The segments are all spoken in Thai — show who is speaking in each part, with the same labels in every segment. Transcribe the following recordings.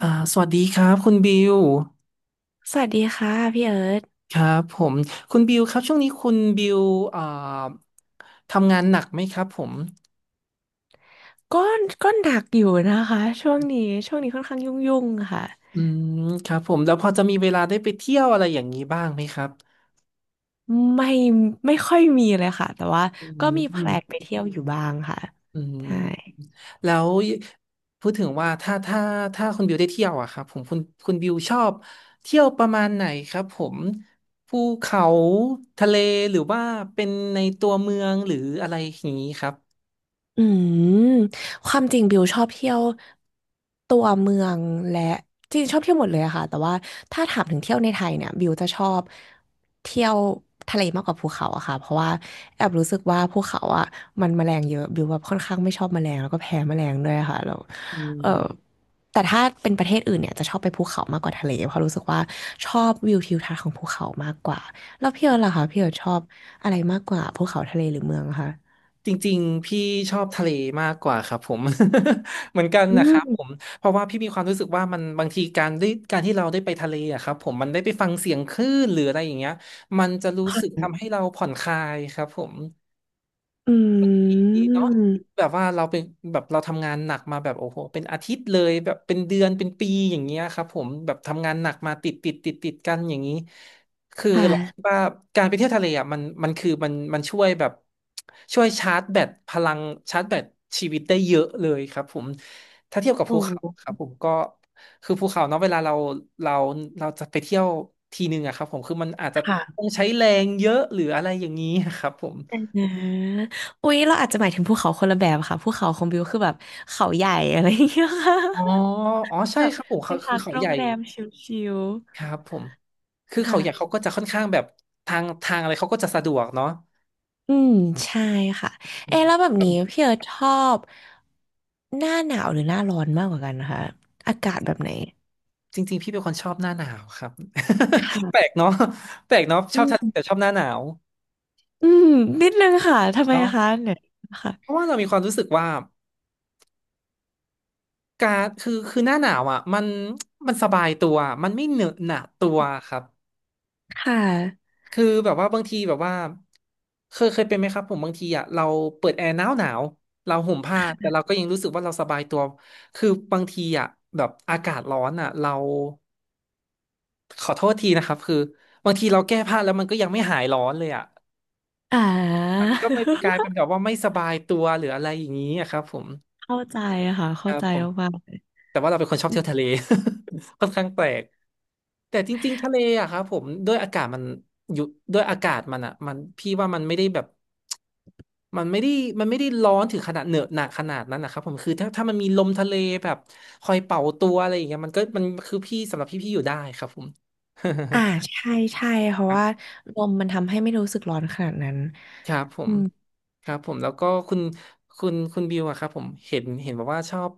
Speaker 1: อ่าสวัสดีครับคุณบิว
Speaker 2: สวัสดีค่ะพี่เอิร์ธ
Speaker 1: ครับผมคุณบิวครับช่วงนี้คุณบิวอ่าทำงานหนักไหมครับผม
Speaker 2: ก็ก็หนักอยู่นะคะช่วงนี้ค่อนข้างยุ่งๆค่ะ
Speaker 1: อืมครับผมแล้วพอจะมีเวลาได้ไปเที่ยวอะไรอย่างนี้บ้างไหมครับ
Speaker 2: ไม่ไม่ค่อยมีเลยค่ะแต่ว่า
Speaker 1: อื
Speaker 2: ก็
Speaker 1: ม
Speaker 2: มีแพ
Speaker 1: อื
Speaker 2: ล
Speaker 1: ม
Speaker 2: นไปเที่ยวอยู่บ้างค่ะ
Speaker 1: อื
Speaker 2: ใช่
Speaker 1: มแล้วพูดถึงว่าถ้าคุณบิวได้เที่ยวอะครับผมคุณบิวชอบเที่ยวประมาณไหนครับผมภูเขาทะเลหรือว่าเป็นในตัวเมืองหรืออะไรอย่างนี้ครับ
Speaker 2: อืมความจริงบิวชอบเที่ยวตัวเมืองและจริงชอบเที่ยวหมดเลยอะค่ะแต่ว่าถ้าถามถึงเที่ยวในไทยเนี่ยบิวจะชอบเที่ยวทะเลมากกว่าภูเขาอะค่ะเพราะว่าแอบรู้สึกว่าภูเขาอะมันแมลงเยอะบิวแบบค่อนข้างไม่ชอบแมลงแล้วก็แพ้แมลงด้วยค่ะแล้ว
Speaker 1: อื
Speaker 2: เออ
Speaker 1: ม
Speaker 2: แต่ถ้าเป็นประเทศอื่นเนี่ยจะชอบไปภูเขามากกว่าทะเลเพราะรู้สึกว่าชอบวิวทิวทัศน์ของภูเขามากกว่าแล้วพี่เอิร์ธล่ะคะพี่เอิร์ธชอบอะไรมากกว่าภูเขาทะเลหรือเมืองคะ
Speaker 1: จริงๆพี่ชอบทะเลมากกว่าครับผม เหมือนกัน
Speaker 2: อื
Speaker 1: นะครับผม
Speaker 2: ม
Speaker 1: เพราะว่าพี่มีความรู้สึกว่ามันบางทีการที่เราได้ไปทะเลอะครับผมมันได้ไปฟังเสียงคลื่นหรืออะไรอย่างเงี้ยมันจะรู้
Speaker 2: ค่
Speaker 1: สึก
Speaker 2: ะ
Speaker 1: ทำให้เราผ่อนคลายครับผม
Speaker 2: อื
Speaker 1: เนาะแบ
Speaker 2: ม
Speaker 1: บว่าเราเป็นแบบเราทำงานหนักมาแบบโอ้โหเป็นอาทิตย์เลยแบบเป็นเดือนเป็นปีอย่างเงี้ยครับผมแบบทำงานหนักมาติดกันอย่างนี้คือ
Speaker 2: ค่ะ
Speaker 1: เราคิดว่าการไปเที่ยวทะเลอ่ะมันมันคือมันมันช่วยแบบช่วยชาร์จแบตพลังชาร์จแบตชีวิตได้เยอะเลยครับผมถ้าเทียบกับ
Speaker 2: โอ
Speaker 1: ภูเขาครั
Speaker 2: ้
Speaker 1: บผมก็คือภูเขาเนาะเวลาเราเราจะไปเที่ยวทีนึงอะครับผมคือมันอาจจะ
Speaker 2: ค่ะ
Speaker 1: ต้องใช้แรงเยอะหรืออะไรอย่างนี้ครับผม
Speaker 2: แต่นะอุ๊ยเราอาจจะหมายถึงภูเขาคนละแบบค่ะภูเขาของบิวคือแบบเขาใหญ่อะไรอย่างเงี้ยค่ะ
Speaker 1: อ๋ออ๋อใช่
Speaker 2: แบบ
Speaker 1: ครับผม
Speaker 2: ไปพัก
Speaker 1: เขา
Speaker 2: โร
Speaker 1: ให
Speaker 2: ง
Speaker 1: ญ่
Speaker 2: แรมชิล
Speaker 1: ครับผมคือ
Speaker 2: ๆ
Speaker 1: เขาใหญ่เขา
Speaker 2: ค่ะ
Speaker 1: ก็จะค่อนข้างแบบทางอะไรเขาก็จะสะดวกเนาะ
Speaker 2: อืมใช่ค่ะ
Speaker 1: อื
Speaker 2: เอะ
Speaker 1: ม
Speaker 2: แล้วแบบ
Speaker 1: ครับ
Speaker 2: นี้พี่เอร์ธชอบหน้าหนาวหรือหน้าร้อนมากกว่ากันนะคะอากาศแบบไหน
Speaker 1: จริงๆพี่เป็นคนชอบหน้าหนาวครับ แปลก
Speaker 2: ค่ะ
Speaker 1: เนาะแปลกเนาะช
Speaker 2: อื
Speaker 1: อบทะเลแต่
Speaker 2: ม
Speaker 1: ชอบหน้าหนาว
Speaker 2: อืมนิดนึงค่ะทำไม
Speaker 1: เนาะ
Speaker 2: คะเนี่ยค่ะ
Speaker 1: เพราะว่าเรามีความรู้สึกว่าการคือคือหน้าหนาวอ่ะมันสบายตัวมันไม่เหนอะหนะตัวครับ
Speaker 2: ค่ะ
Speaker 1: คือแบบว่าบางทีแบบว่าเคยเป็นไหมครับผมบางทีอ่ะเราเปิดแอร์หนาวเราห่มผ้าแต่เราก็ยังรู้สึกว่าเราสบายตัวคือบางทีอ่ะแบบอากาศร้อนอ่ะเราขอโทษทีนะครับคือบางทีเราแก้ผ้าแล้วมันก็ยังไม่หายร้อนเลยอ่ะ
Speaker 2: อ่า
Speaker 1: มันก็ไม่กลาย เป็นแบบว่าไม่สบายตัวหรืออะไรอย่างนี้อะครับผม
Speaker 2: เข้าใจค่ะ
Speaker 1: ค
Speaker 2: เข้า
Speaker 1: รับ
Speaker 2: ใจ
Speaker 1: ผม
Speaker 2: มากๆเลย
Speaker 1: แต่ว่าเราเป็นคนชอบเที่ยวทะเล ค่อนข้างแปลก แต่จริงๆทะเลอะครับผมด้วยอากาศมันอยู่ด้วยอากาศมันอะมันพี่ว่ามันไม่ได้แบบมันไม่ได้มันไม่ได้ร้อนถึงขนาดเหนอะหนักขนาดนั้นนะครับผมคือถ้ามันมีลมทะเลแบบคอยเป่าตัวอะไรอย่างเงี้ยมันก็มันคือสำหรับพี่พี่อยู่ได้ครับผม
Speaker 2: อ่าใช่ใช่เพ ราะ
Speaker 1: ครั
Speaker 2: ว่า
Speaker 1: บ
Speaker 2: ลมมันทำให้ไม่รู้สึกร้อนขนาดนั้น
Speaker 1: ครับผมครับผมแล้วก็คุณบิวอะครับผมเห็นบอกว่าชอบ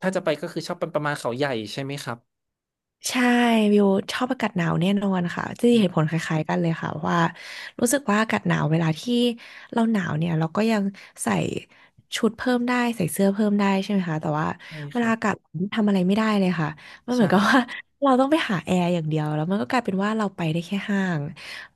Speaker 1: ถ้าจะไปก็คือชอบเป็นประมาณเขาใหญ่ใช่ไหมครับ
Speaker 2: ใช่วิวชอบอากาศหนาวแน่นอนค่ะจะ
Speaker 1: อื
Speaker 2: เหตุ
Speaker 1: ม
Speaker 2: ผลคล้ายๆกันเลยค่ะว่ารู้สึกว่าอากาศหนาวเวลาที่เราหนาวเนี่ยเราก็ยังใส่ชุดเพิ่มได้ใส่เสื้อเพิ่มได้ใช่ไหมคะแต่ว่า
Speaker 1: ใช่
Speaker 2: เว
Speaker 1: ครั
Speaker 2: ลา
Speaker 1: บ
Speaker 2: อากาศร้อนทำอะไรไม่ได้เลยค่ะมันเหมือนกับ
Speaker 1: ใช่
Speaker 2: ว่า เราต้องไปหาแอร์อย่างเดียวแล้วมันก็กลายเป็นว่าเราไปได้แค่ห้าง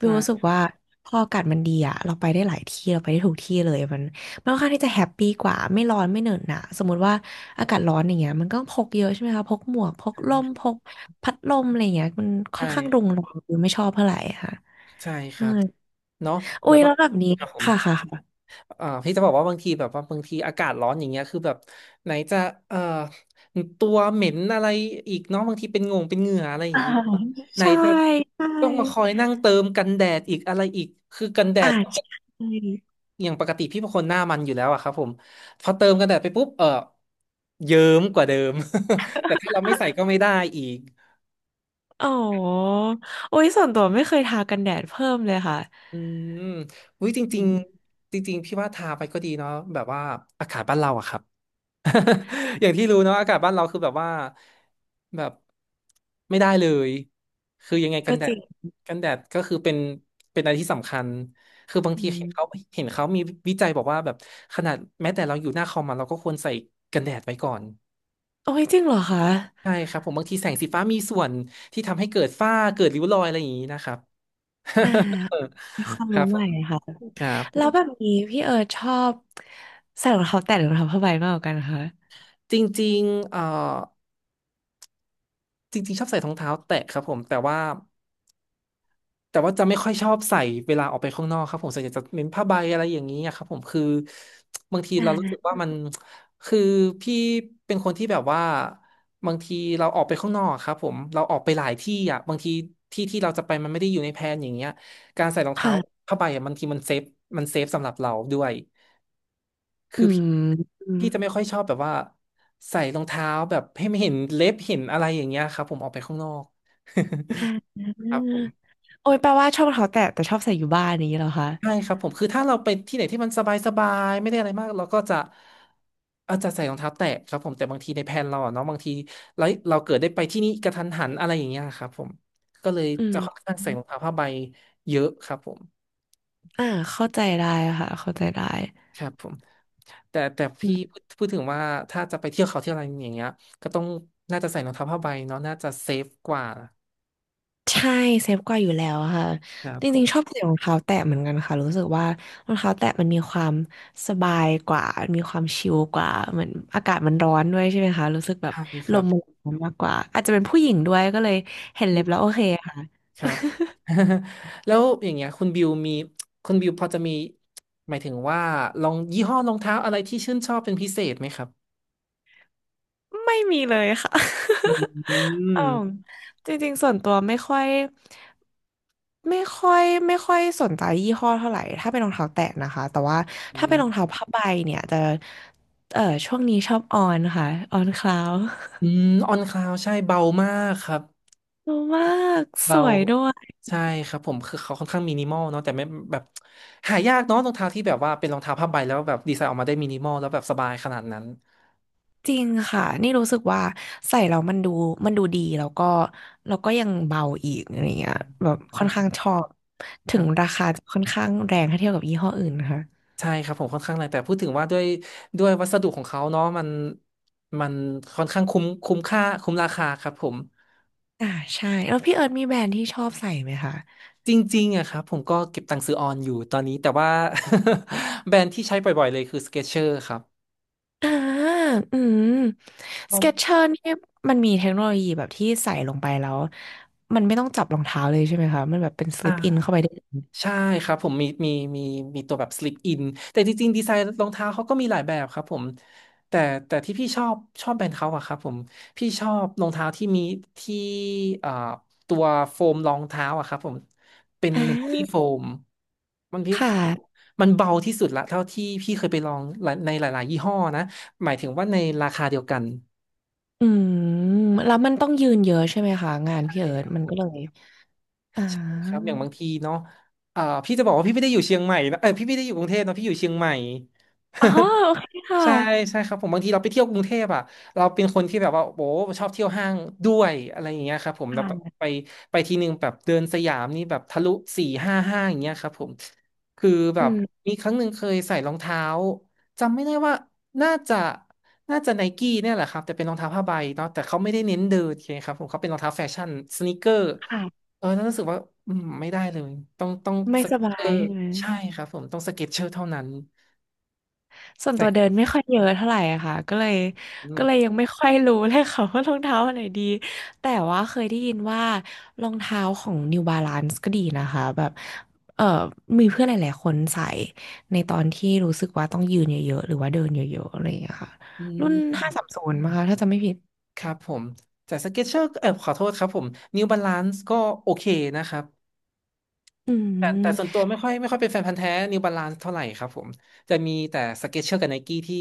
Speaker 2: วิวรู้สึก
Speaker 1: ใช่
Speaker 2: ว่าพออากาศมันดีอะเราไปได้หลายที่เราไปได้ทุกที่เลยมัน ค่อนข้างที่จะแฮปปี้กว่าไม่ร้อนไม่เหนอะหนะสมมติว่าอากาศร้อนอย่างเงี้ยมันก็พกเยอะใช่ไหมคะพกหมวกพกร่
Speaker 1: ใ
Speaker 2: มพกพัดลมอะไรอย่างเงี้ยมันค่อ
Speaker 1: ช่
Speaker 2: นข้างรุงรังคือไม่ชอบเท่าไหร่ค่ะ
Speaker 1: ใช่ค
Speaker 2: ใช่
Speaker 1: รับ เนาะ
Speaker 2: อุ้
Speaker 1: แล้ว
Speaker 2: ย
Speaker 1: บา
Speaker 2: แล้
Speaker 1: ง
Speaker 2: วแบบนี้
Speaker 1: ครับผม
Speaker 2: ค่ะค่ะค่ะ
Speaker 1: พี่จะบอกว่าบางทีแบบว่าบางทีอากาศร้อนอย่างเงี้ยคือแบบไหนจะเอ่อตัวเหม็นอะไรอีกเนาะบางทีเป็นงงเป็นเหงื่ออะไรอย่า
Speaker 2: อ่า
Speaker 1: งงี้ไหน
Speaker 2: ใช่
Speaker 1: จะ
Speaker 2: ใช่
Speaker 1: ต้องมาคอยนั่งเติมกันแดดอีกอะไรอีกคือกันแด
Speaker 2: อ่า
Speaker 1: ด
Speaker 2: ใช่
Speaker 1: อย่างปกติพี่เป็นคนหน้ามันอยู่แล้วอะครับผมพอเติมกันแดดไปปุ๊บเออเยิ้มกว่าเดิม แต่ถ้าเราไม่ใส่ก็ไม่ได้อีก
Speaker 2: อ๋ออุ้ยส่วนตัวไม่เคยทากันแดดเพิ่มเลยค่ะ
Speaker 1: อืมอุ้ยจ
Speaker 2: อื
Speaker 1: ริง
Speaker 2: ม
Speaker 1: ๆจริงๆพี่ว่าทาไปก็ดีเนาะแบบว่าอากาศบ้านเราอะครับ อย่างที่รู้เนาะอากาศบ้านเราคือแบบว่าแบบไม่ได้เลยคือยังไง
Speaker 2: ก็จริง
Speaker 1: กันแดดก็คือเป็นอะไรที่สำคัญคือบาง
Speaker 2: อื
Speaker 1: ที
Speaker 2: ม
Speaker 1: เห็นเขามีวิจัยบอกว่าแบบขนาดแม้แต่เราอยู่หน้าคอมอะเราก็ควรใส่กันแดดไว้ก่อน
Speaker 2: โอ้ยจริงเหรอคะ
Speaker 1: ใช่ครับผมบางทีแสงสีฟ้ามีส่วนที่ทำให้เกิดฝ้าเกิดริ้วรอยอะไรอย่างนี้นะครับ
Speaker 2: อ่า มีความ
Speaker 1: ค
Speaker 2: รู้
Speaker 1: รับผ
Speaker 2: ใหม่
Speaker 1: ม
Speaker 2: ค่ะ
Speaker 1: ครับผ
Speaker 2: แล้วแบ
Speaker 1: ม
Speaker 2: บนี้พี่เอิร์ธชอบใส่รองเท้าแตะหรือรองเท้าผ้าใบมากกว่ากันคะ
Speaker 1: จริงๆเอ่อจริงๆชอบใส่รองเท้าแตะครับผมแต่ว่า แต่ว่าจะไม่ค่อยชอบใส่เวลาออกไปข้างนอกครับผมส่วนใหญ่จะเน้นผ้าใบอะไรอย่างนี้อะครับผมคือบางที
Speaker 2: อ่
Speaker 1: เรารู้สึก
Speaker 2: า
Speaker 1: ว่ามันคือพี่เป็นคนที่แบบว่าบางทีเราออกไปข้างนอกอะครับผมเราออกไปหลายที่อ่ะบางทีที่ที่เราจะไปมันไม่ได้อยู่ในแพลนอย่างเงี้ยการใส่รองเท้า
Speaker 2: ค่ะ
Speaker 1: ผ้าใบอะบางทีมันเซฟมันเซฟสำหรับเราด้วย
Speaker 2: อื
Speaker 1: คือพี่
Speaker 2: มอืม
Speaker 1: พี่จะไม่ค่อยชอบแบบว่าใส่รองเท้าแบบให้ไม่เห็นเล็บเห็นอะไรอย่างเงี้ยครับผมออกไปข้างนอก
Speaker 2: อ่า
Speaker 1: ครับผม
Speaker 2: โอ้ยแปลว่าชอบรองเท้าแตะแต่ชอบใส่อยู่บ้านนี้เหรอคะ
Speaker 1: ใช่ครับผมคือถ้าเราไปที่ไหนที่มันสบายๆไม่ได้อะไรมากเราก็จะใส่รองเท้าแตะครับผมแต่บางทีในแผนเราอะเนาะบางทีเราเราเกิดได้ไปที่นี่กระทันหันอะไรอย่างเงี้ยครับผมก็เลย
Speaker 2: อื
Speaker 1: จะค่อน
Speaker 2: ม
Speaker 1: ข้างใส่รองเท้าผ้าใบเยอะครับผม
Speaker 2: อ่าเข้าใจได้ค่ะ เข้าใจได้
Speaker 1: ครับผมแต่พี่พูดถึงว่าถ้าจะไปเที่ยวเขาเที่ยวอะไรอย่างเงี้ยก็ต้องน่าจะใส่รองเท้าผ้าใบเนาะน่าจะเซฟกว่า
Speaker 2: ใช่เซฟกว่าอยู่แล้วค่ะ
Speaker 1: ครับ
Speaker 2: จ
Speaker 1: ผ
Speaker 2: ริง
Speaker 1: ม
Speaker 2: ๆชอบใส่รองเท้าแตะเหมือนกันค่ะรู้สึกว่ารองเท้าแตะมันมีความสบายกว่ามีความชิลกว่าเหมือนอากาศมันร้อนด้วยใช่ไหมคะรู้สึกแบบ
Speaker 1: ใช่ค
Speaker 2: ล
Speaker 1: รับ
Speaker 2: มมันร้อนมากกว่าอาจจะเป็นผู้หญิงด้วยก็เลยเห็นเล็บแล้วโอเคค่ะ
Speaker 1: ครับ แล้วอย่างเงี้ยคุณบิวมีคุณบิวพอจะมีหมายถึงว่าลองยี่ห้อรองเท้าอะไรที่ชื่นชอบเป็นพิเศษไหมครับ
Speaker 2: ไม่มีเลยค่ะ
Speaker 1: อืม
Speaker 2: อ๋อจริงๆส่วนตัวไม่ค่อยสนใจยี่ห้อเท่าไหร่ ถ้าเป็นรองเท้าแตะนะคะ แต่ว่า
Speaker 1: อื
Speaker 2: ถ้าเป็นรอง
Speaker 1: ม
Speaker 2: เท้าผ้าใบเนี่ยจะเออช่วงนี้ชอบออนค่ะออนคลาว
Speaker 1: อืมออนคลาวใช่เบามากครับ
Speaker 2: ดูมากส
Speaker 1: เบา
Speaker 2: วยด้วย
Speaker 1: ใช่ครับผมคือเขาค่อนข้างมินิมอลเนาะแต่ไม่แบบหายากเนาะรองเท้าที่แบบว่าเป็นรองเท้าผ้าใบแล้วแบบดีไซน์ออกมาได้มินิมอลแล้วแบบสบายขนาดนั้น
Speaker 2: จริงค่ะนี่รู้สึกว่าใส่แล้วมันดูมันดูดีแล้วก็แล้วก็ยังเบาอีกอะไรเงี้
Speaker 1: อื
Speaker 2: ย
Speaker 1: ม
Speaker 2: แบบ
Speaker 1: ใช่
Speaker 2: ค่อนข้างชอบ
Speaker 1: ค
Speaker 2: ถึ
Speaker 1: รั
Speaker 2: ง
Speaker 1: บ
Speaker 2: ราคาจะค่อนข้างแรงถ้าเทียบกับยี่ห้ออื่นนะคะ
Speaker 1: ใช่ครับผมค่อนข้างแรงแต่พูดถึงว่าด้วยวัสดุของเขาเนาะมันค่อนข้างคุ้มค่าคุ้มราคาครับผม
Speaker 2: อ่าใช่แล้วพี่เอิร์ธมีแบรนด์ที่ชอบใส่ไหมคะ
Speaker 1: จริงๆอะครับผมก็เก็บตังค์ซื้อออนอยู่ตอนนี้แต่ว่า แบรนด์ที่ใช้บ่อยๆเลยคือ Skechers ครับ
Speaker 2: อ่าอืมสเก็ตเชอร์นี่มันมีเทคโนโลยีแบบที่ใส่ลงไปแล้วมันไม่ต้องจับรองเท้าเลยใช่ไหมคะมันแบบเป็นส
Speaker 1: อ่
Speaker 2: ลิปอิน
Speaker 1: า
Speaker 2: เข้าไปได้เลย
Speaker 1: ใช่ครับผมมีมีตัวแบบ slip in แต่จริงๆดีไซน์รองเท้าเขาก็มีหลายแบบครับผมแต่แต่ที่พี่ชอบชอบแบรนด์เขาอะครับผมพี่ชอบรองเท้าที่มีที่เอ่อตัวโฟมรองเท้าอะครับผมเป็น
Speaker 2: อ่
Speaker 1: เมมโมรี่โฟ
Speaker 2: า
Speaker 1: มันพี่
Speaker 2: ค
Speaker 1: พี่
Speaker 2: ่ะ
Speaker 1: มันเบาที่สุดละเท่าที่พี่เคยไปลองหลายในหลายๆยี่ห้อนะหมายถึงว่าในราคาเดียวกัน
Speaker 2: อืมแล้วมันต้องยืนเยอะใช่ไหมคะงาน
Speaker 1: ใช่
Speaker 2: พี่เอิร์
Speaker 1: ค
Speaker 2: ธ
Speaker 1: รับ
Speaker 2: มัน
Speaker 1: ผ
Speaker 2: ก็
Speaker 1: ม
Speaker 2: เลยอ่า
Speaker 1: ใช่ครับอย่างบางทีเนาะอ่าพี่จะบอกว่าพี่ไม่ได้อยู่เชียงใหม่นะเออพี่ไม่ได้อยู่กรุงเทพนะพี่อยู่เชียงใหม่
Speaker 2: อ๋อ โอเคค่ะ
Speaker 1: ใช่ใช่ครับผมบางทีเราไปเที่ยวกรุงเทพอ่ะเราเป็นคนที่แบบว่าโอ้ชอบเที่ยวห้างด้วยอะไรอย่างเงี้ยครับผมเราแบบไปทีนึงแบบเดินสยามนี่แบบทะลุสี่ห้าห้างอย่างเงี้ยครับผมคือแบ
Speaker 2: อื
Speaker 1: บ
Speaker 2: ม
Speaker 1: มีครั้งหนึ่งเคยใส่รองเท้าจำไม่ได้ว่าน่าจะน่าจะไนกี้เนี่ยแหละครับแต่เป็นรองเท้าผ้าใบเนาะแต่เขาไม่ได้เน้นเดินโอเคครับผมเขาเป็นรองเท้าแฟชั่นสนีกเกอร์
Speaker 2: ค่ะ
Speaker 1: เออแล้วรู้สึกว่าอืมไม่ได้เลยต้อง
Speaker 2: ไม่
Speaker 1: ส
Speaker 2: ส
Speaker 1: เก็ต
Speaker 2: บา
Speaker 1: เชอ
Speaker 2: ย
Speaker 1: ร์
Speaker 2: ใช่ไหม
Speaker 1: ใช่ครับผมต้องสเก็ตเชอร์เท่านั้น
Speaker 2: ส่วนตัวเดิน
Speaker 1: ใส่
Speaker 2: ไม่ค่อยเยอะเท่าไหร่อะค่ะก็เลยยังไม่ค่อยรู้เลยค่ะ ว่ารองเท้าอันไหนดีแต่ว่าเคยได้ยินว่ารองเท้าของ New Balance ก็ดีนะคะแบบเออมีเพื่อนหลายๆคนใส่ในตอนที่รู้สึกว่าต้องยืนเยอะๆ หรือว่าเดินเยอะๆอะไรอย่างเงี้ยค่ะ
Speaker 1: อ
Speaker 2: รุ่น
Speaker 1: ืม
Speaker 2: 530มั้งคะถ้าจำไม่ผิด
Speaker 1: ครับผมแต่สเก็ตเชอร์เออขอโทษครับผมนิวบาลานซ์ก็โอเคนะครับ
Speaker 2: อื
Speaker 1: แต่ส่วน
Speaker 2: ม
Speaker 1: ตัวไม่ค่อยเป็นแฟนพันธุ์แท้นิวบาลานซ์เท่าไหร่ครับผมจะมีแต่สเก็ตเชอร์กับไนกี้ที่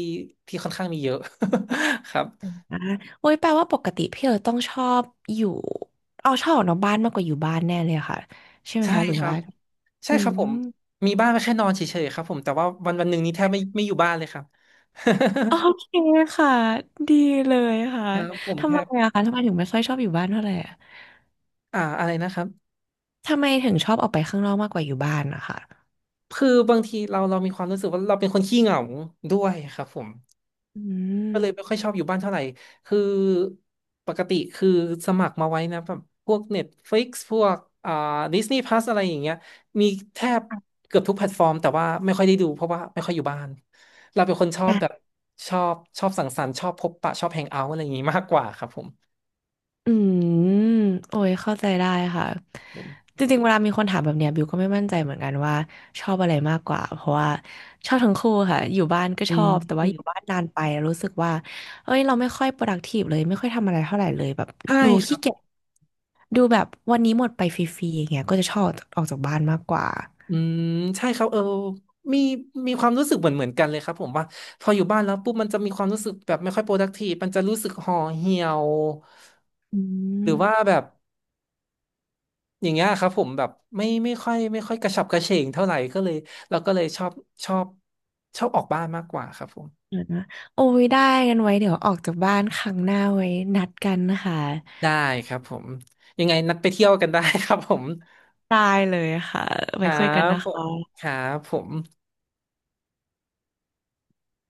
Speaker 1: ที่ค่อนข้างมีเยอะ ครับ
Speaker 2: อ่ะโอ้ยแปลว่าปกติพี่เออต้องชอบอยู่เอาชอบออกนอกบ้านมากกว่าอยู่บ้านแน่เลยอะค่ะใช่ไหม
Speaker 1: ใช่
Speaker 2: คะหรือ
Speaker 1: ครั
Speaker 2: ว่า
Speaker 1: บใช่
Speaker 2: อื
Speaker 1: ครั
Speaker 2: ม
Speaker 1: บผมมีบ้านไว้แค่นอนเฉยๆครับผมแต่ว่าวันวันหนึ่งนี้แทบไม่อยู่บ้านเลยครับ
Speaker 2: โอเคค่ะ ดีเลยค่ะ
Speaker 1: ครับผม
Speaker 2: ทำ
Speaker 1: แท
Speaker 2: ไม
Speaker 1: บ
Speaker 2: อะคะทำไมถึงไม่ค่อยชอบอยู่บ้านเท่าไหร่อะ
Speaker 1: อ่าอะไรนะครับ
Speaker 2: ทำไมถึงชอบออกไปข้างนอกมากกว่าอยู่บ้านนะคะ
Speaker 1: คือบางทีเรามีความรู้สึกว่าเราเป็นคนขี้เหงาด้วยครับผม
Speaker 2: อื
Speaker 1: ก็
Speaker 2: ม
Speaker 1: เลยไม่ค่อยชอบอยู่บ้านเท่าไหร่ คือปกติคือสมัครมาไว้นะแบบพวก Netflix พวกอ่า Disney Plus อะไรอย่างเงี้ยมีแทบเกือบทุกแพลตฟอร์มแต่ว่าไม่ค่อยได้ดูเพราะว่าไม่ค่อยอยู่บ้านเราเป็นคนชอบแบบชอบสังสรรค์ชอบพบปะชอบแฮงเอาท์อะไรอย่างงี้มากกว่าครับผม
Speaker 2: อืมโอ้ยเข้าใจได้ค่ะ
Speaker 1: ผม
Speaker 2: จริงๆเวลามีคนถามแบบเนี้ยบิวก็ไม่มั่นใจเหมือนกันว่าชอบอะไรมากกว่าเพราะว่าชอบทั้งคู่ค่ะอยู่บ้านก็
Speaker 1: อื
Speaker 2: ชอ
Speaker 1: ม
Speaker 2: บแต่
Speaker 1: อื
Speaker 2: ว่าอ
Speaker 1: ม
Speaker 2: ยู่บ้านนานไปแล้วรู้สึกว่าเอ้ยเราไม่ค่อย productive เลยไม่ค่อยทำอะไรเท่าไหร่เลยแบบ
Speaker 1: ใช่
Speaker 2: ดู
Speaker 1: ครั
Speaker 2: ขี้
Speaker 1: บผ
Speaker 2: เกียจ
Speaker 1: ม
Speaker 2: ดูแบบวันนี้หมดไปฟรีๆอย่างเงี้ยก็จะชอบออกจากบ้านมากกว่า
Speaker 1: อืมใช่ครับเออมีมีความรู้สึกเหมือนกันเลยครับผมว่าพออยู่บ้านแล้วปุ๊บมันจะมีความรู้สึกแบบไม่ค่อย productive มันจะรู้สึกห่อเหี่ยว
Speaker 2: อื
Speaker 1: หรือว่า
Speaker 2: ม
Speaker 1: แบบอย่างเงี้ยครับผมแบบไม่ค่อยกระฉับกระเฉงเท่าไหร่ก็เลยเราก็เลยชอบชอบออกบ้านมากกว่าครับผม
Speaker 2: เดี๋ยวนะโอ้ยได้กันไว้เดี๋ยวออกจากบ้านครั้งหน้าไว้นัดกันนะคะ
Speaker 1: ได้ครับผมยังไงนัดไปเที่ยวกันได้ครับผม
Speaker 2: ได้เลยค่ะ
Speaker 1: ค
Speaker 2: ไว้
Speaker 1: รั
Speaker 2: คุยกัน
Speaker 1: บ
Speaker 2: นะ
Speaker 1: ผ
Speaker 2: คะ
Speaker 1: มครับผม